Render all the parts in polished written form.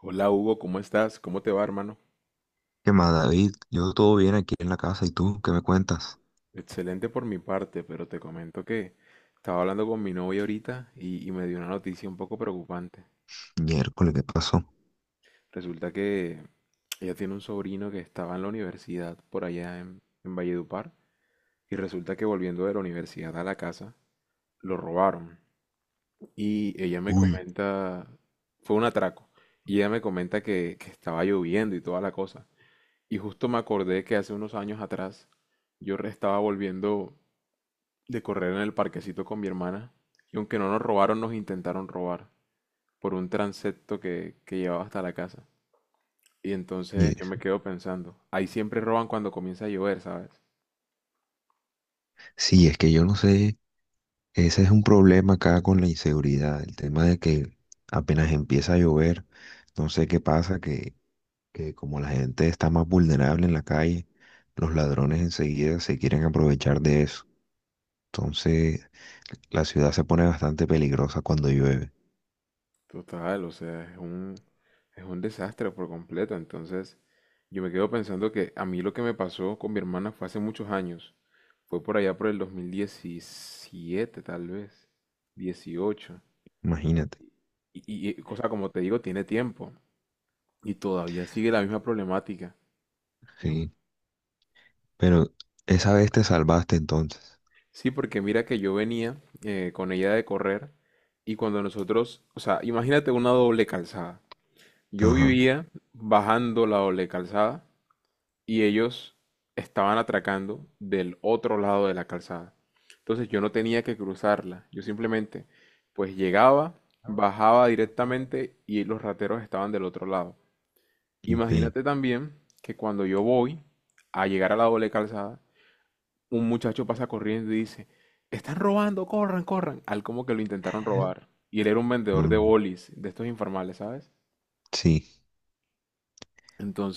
Hola Hugo, ¿cómo estás? ¿Cómo te va, hermano? ¿Qué más, David? Yo todo bien aquí en la casa. ¿Y tú qué me cuentas? Excelente por mi parte, pero te comento que estaba hablando con mi novia ahorita y me dio una noticia un poco preocupante. Miércoles, ¿qué pasó? Resulta que ella tiene un sobrino que estaba en la universidad por allá en Valledupar y resulta que volviendo de la universidad a la casa lo robaron. Y ella me Uy. comenta, fue un atraco, y ella me comenta que estaba lloviendo y toda la cosa. Y justo me acordé que hace unos años atrás estaba volviendo de correr en el parquecito con mi hermana, y aunque no nos robaron, nos intentaron robar por un transepto que llevaba hasta la casa. Y entonces yo Yes. me quedo pensando, ahí siempre roban cuando comienza a llover, ¿sabes? Sí, es que yo no sé. Ese es un problema acá con la inseguridad. El tema de que apenas empieza a llover, no sé qué pasa, que como la gente está más vulnerable en la calle, los ladrones enseguida se quieren aprovechar de eso. Entonces, la ciudad se pone bastante peligrosa cuando llueve. Total, o sea, es un desastre por completo. Entonces yo me quedo pensando que a mí lo que me pasó con mi hermana fue hace muchos años. Fue por allá por el 2017, tal vez, 18. Imagínate. O sea, como te digo, tiene tiempo. Y todavía sigue la misma problemática. Es un- Sí. Pero esa vez te salvaste entonces. Sí, porque mira que yo venía con ella de correr y cuando nosotros, o sea, imagínate una doble calzada. Yo Ajá. vivía bajando la doble calzada y ellos estaban atracando del otro lado de la calzada. Entonces yo no tenía que cruzarla. Yo simplemente, pues llegaba, bajaba Ajá. directamente y los rateros estaban del otro lado. Ve, Imagínate también que cuando yo voy a llegar a la doble calzada, un muchacho pasa corriendo y dice, están robando, corran, corran, al como que lo intentaron robar. Y él era un vendedor de mm, bolis, de estos informales, ¿sabes? sí,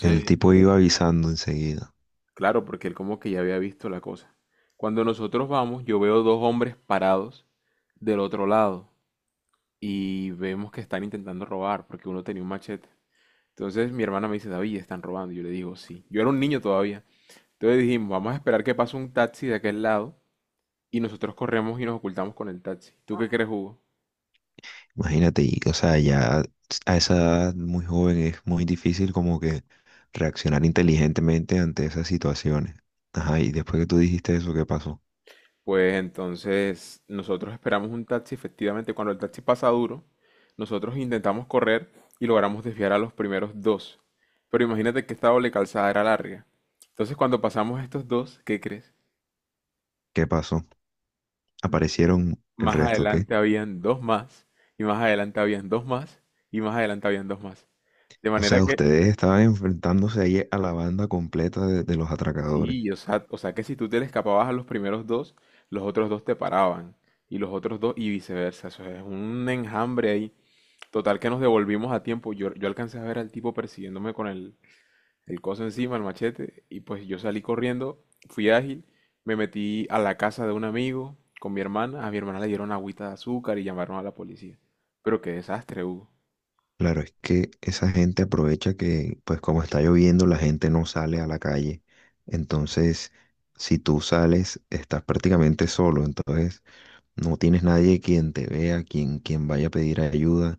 el tipo iba avisando enseguida. claro, porque él como que ya había visto la cosa. Cuando nosotros vamos, yo veo dos hombres parados del otro lado y vemos que están intentando robar porque uno tenía un machete. Entonces mi hermana me dice, David, están robando. Yo le digo, sí. Yo era un niño todavía. Entonces dijimos, vamos a esperar que pase un taxi de aquel lado y nosotros corremos y nos ocultamos con el taxi. ¿Tú qué crees, Hugo? Imagínate, y, o sea, ya a esa edad muy joven es muy difícil como que reaccionar inteligentemente ante esas situaciones. Ajá, ¿y después que tú dijiste eso, qué pasó? Pues entonces nosotros esperamos un taxi, efectivamente, cuando el taxi pasa duro, nosotros intentamos correr y logramos desviar a los primeros dos. Pero imagínate que esta doble calzada era larga. Entonces cuando pasamos estos dos, ¿qué crees? ¿Qué pasó? ¿Aparecieron el Más resto, qué? adelante habían dos más, y más adelante habían dos más, y más adelante habían dos más. De O manera sea, que, ustedes estaban enfrentándose ahí a la banda completa de los atracadores. sí, o sea que si tú te le escapabas a los primeros dos, los otros dos te paraban, y los otros dos, y viceversa. Eso es un enjambre ahí. Total que nos devolvimos a tiempo. Yo alcancé a ver al tipo persiguiéndome con el coso encima, el machete, y pues yo salí corriendo, fui ágil, me metí a la casa de un amigo con mi hermana. A mi hermana le dieron agüita de azúcar y llamaron a la policía. Pero qué desastre, Hugo. Claro, es que esa gente aprovecha que, pues como está lloviendo, la gente no sale a la calle. Entonces, si tú sales, estás prácticamente solo. Entonces, no tienes nadie quien te vea, quien, quien vaya a pedir ayuda.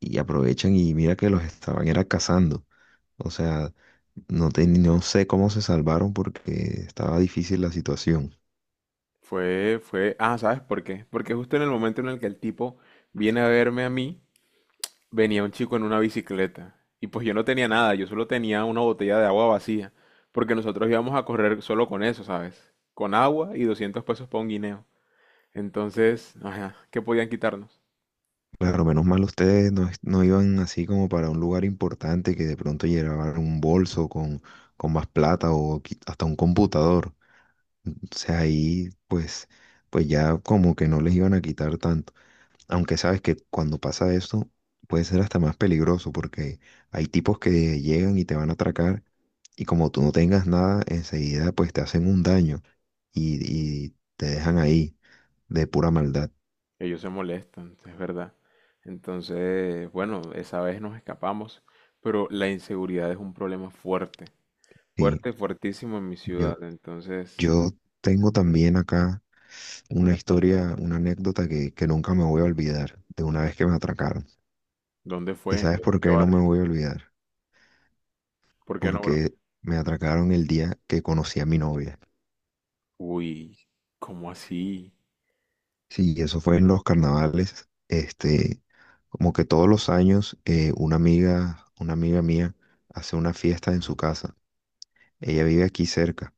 Y aprovechan y mira que los estaban era cazando. O sea, no, no sé cómo se salvaron porque estaba difícil la situación. ¿Sabes por qué? Porque justo en el momento en el que el tipo viene a verme a mí, venía un chico en una bicicleta y pues yo no tenía nada, yo solo tenía una botella de agua vacía, porque nosotros íbamos a correr solo con eso, ¿sabes? Con agua y 200 pesos para un guineo. Entonces, ajá, ¿qué podían quitarnos? Claro, menos mal ustedes no, no iban así como para un lugar importante que de pronto llevaban un bolso con más plata o hasta un computador. O sea, ahí pues, pues ya como que no les iban a quitar tanto. Aunque sabes que cuando pasa eso puede ser hasta más peligroso porque hay tipos que llegan y te van a atracar y como tú no tengas nada, enseguida pues te hacen un daño y te dejan ahí de pura maldad. Ellos se molestan, es verdad. Entonces, bueno, esa vez nos escapamos, pero la inseguridad es un problema fuerte, Sí. fuerte, fuertísimo en mi yo ciudad. Entonces, Yo tengo también acá una historia, una anécdota que nunca me voy a olvidar de una vez que me atracaron. ¿dónde ¿Y fue? Sabes En por qué qué no me barrio? voy a olvidar? ¿Por qué no, bro? Porque me atracaron el día que conocí a mi novia. Uy, ¿cómo así? Sí, eso fue en los carnavales. Este, como que todos los años una amiga mía hace una fiesta en su casa. Ella vive aquí cerca.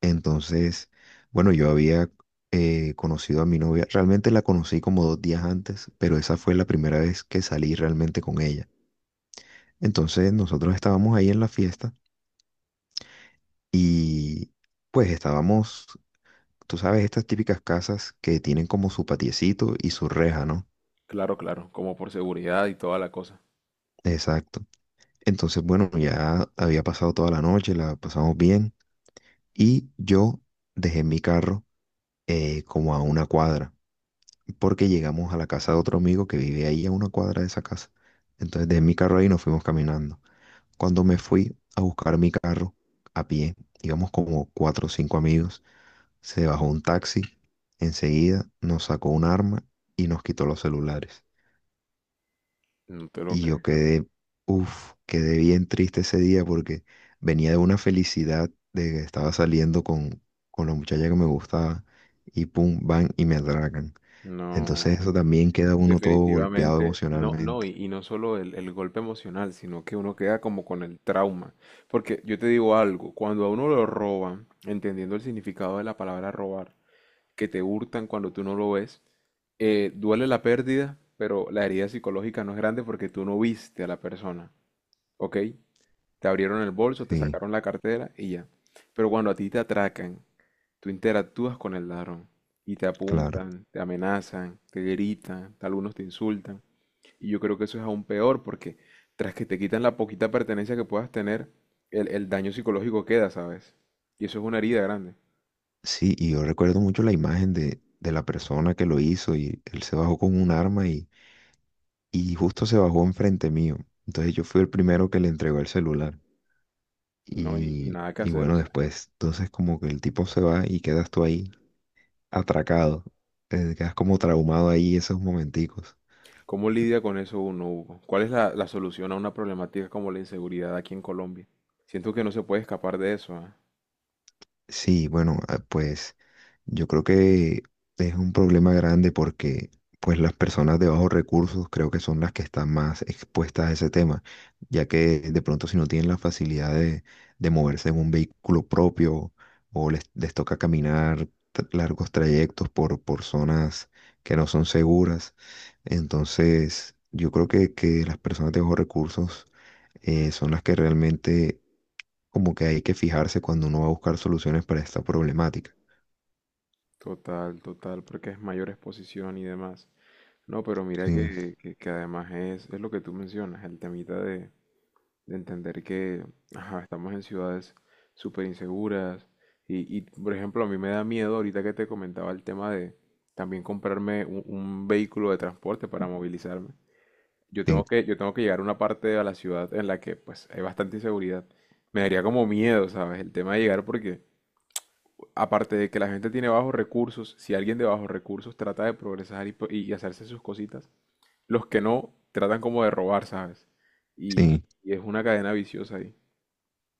Entonces, bueno, yo había conocido a mi novia, realmente la conocí como dos días antes, pero esa fue la primera vez que salí realmente con ella. Entonces, nosotros estábamos ahí en la fiesta y pues estábamos, tú sabes, estas típicas casas que tienen como su patiecito y su reja, ¿no? Claro, claro, como por seguridad y toda la cosa. Exacto. Entonces, bueno, ya había pasado toda la noche, la pasamos bien y yo dejé mi carro como a una cuadra, porque llegamos a la casa de otro amigo que vive ahí a una cuadra de esa casa. Entonces dejé mi carro ahí y nos fuimos caminando. Cuando me fui a buscar mi carro a pie, íbamos como cuatro o cinco amigos, se bajó un taxi, enseguida nos sacó un arma y nos quitó los celulares. No te lo Y yo creo. quedé, uff, quedé bien triste ese día porque venía de una felicidad de que estaba saliendo con la muchacha que me gustaba y pum, van y me atracan. Entonces eso No, también queda uno todo golpeado definitivamente no, no, emocionalmente. Y no solo el golpe emocional, sino que uno queda como con el trauma. Porque yo te digo algo, cuando a uno lo roban, entendiendo el significado de la palabra robar, que te hurtan cuando tú no lo ves, duele la pérdida, pero la herida psicológica no es grande porque tú no viste a la persona, ¿ok? Te abrieron el bolso, te Sí, sacaron la cartera y ya. Pero cuando a ti te atracan, tú interactúas con el ladrón y te claro. apuntan, te amenazan, te gritan, algunos te insultan. Y yo creo que eso es aún peor porque tras que te quitan la poquita pertenencia que puedas tener, el daño psicológico queda, ¿sabes? Y eso es una herida grande, Sí, y yo recuerdo mucho la imagen de la persona que lo hizo y él se bajó con un arma y justo se bajó enfrente mío. Entonces yo fui el primero que le entregó el celular. ¿no? Y nada que Y hacer, o bueno, sea. después, entonces como que el tipo se va y quedas tú ahí atracado. Te quedas como traumado ahí esos momenticos. ¿Cómo lidia con eso uno, Hugo? ¿Cuál es la solución a una problemática como la inseguridad aquí en Colombia? Siento que no se puede escapar de eso, ¿ah? Sí, bueno, ah, pues yo creo que es un problema grande porque pues las personas de bajos recursos creo que son las que están más expuestas a ese tema, ya que de pronto si no tienen la facilidad de moverse en un vehículo propio o les toca caminar largos trayectos por zonas que no son seguras, entonces yo creo que las personas de bajos recursos son las que realmente como que hay que fijarse cuando uno va a buscar soluciones para esta problemática. Total, total, porque es mayor exposición y demás. No, pero mira Sí, que además es lo que tú mencionas, de entender que ajá, estamos en ciudades súper inseguras y, por ejemplo, a mí me da miedo ahorita que te comentaba el tema de también comprarme un vehículo de transporte para movilizarme. Sí, Yo tengo que llegar a una parte de la ciudad en la que pues hay bastante inseguridad. Me daría como miedo, ¿sabes? El tema de llegar porque aparte de que la gente tiene bajos recursos, si alguien de bajos recursos trata de progresar y hacerse sus cositas, los que no tratan como de robar, ¿sabes? Y, sí. y es una cadena viciosa ahí.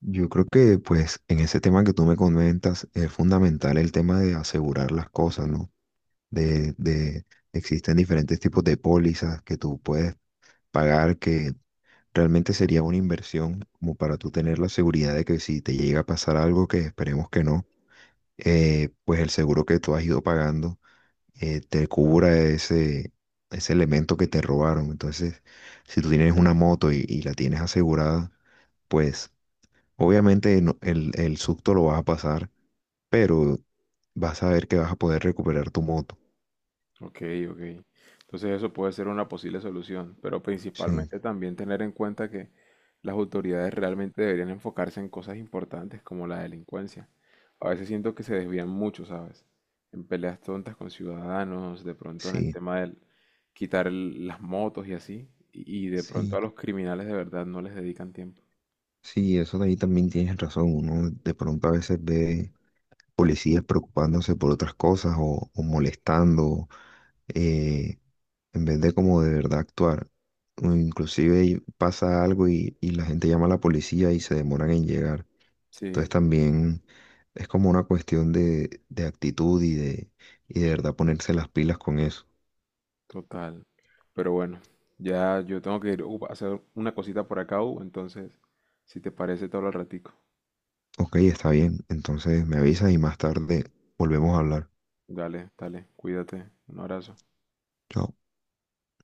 Yo creo que pues en ese tema que tú me comentas es fundamental el tema de asegurar las cosas, ¿no? De existen diferentes tipos de pólizas que tú puedes pagar que realmente sería una inversión como para tú tener la seguridad de que si te llega a pasar algo, que esperemos que no, pues el seguro que tú has ido pagando te cubra ese, ese elemento que te robaron. Entonces, si tú tienes una moto y la tienes asegurada, pues obviamente el susto lo vas a pasar, pero vas a ver que vas a poder recuperar tu moto. Ok, ok. Entonces eso puede ser una posible solución, pero Sí, principalmente también tener en cuenta que las autoridades realmente deberían enfocarse en cosas importantes como la delincuencia. A veces siento que se desvían mucho, ¿sabes? En peleas tontas con ciudadanos, de pronto en el sí, tema del quitar las motos y así, y de pronto sí, a los criminales de verdad no les dedican tiempo. sí, eso de ahí también tienes razón. Uno de pronto a veces ve policías preocupándose por otras cosas o molestando, eh, en vez de como de verdad actuar. O inclusive y pasa algo y la gente llama a la policía y se demoran en llegar. Entonces Sí. también es como una cuestión de actitud y de verdad ponerse las pilas con eso. Total. Pero bueno, ya yo tengo que ir a hacer una cosita por acá, entonces, si te parece, te hablo al ratico. Ok, está bien. Entonces me avisas y más tarde volvemos a hablar. Dale, dale, cuídate. Un abrazo. Chao.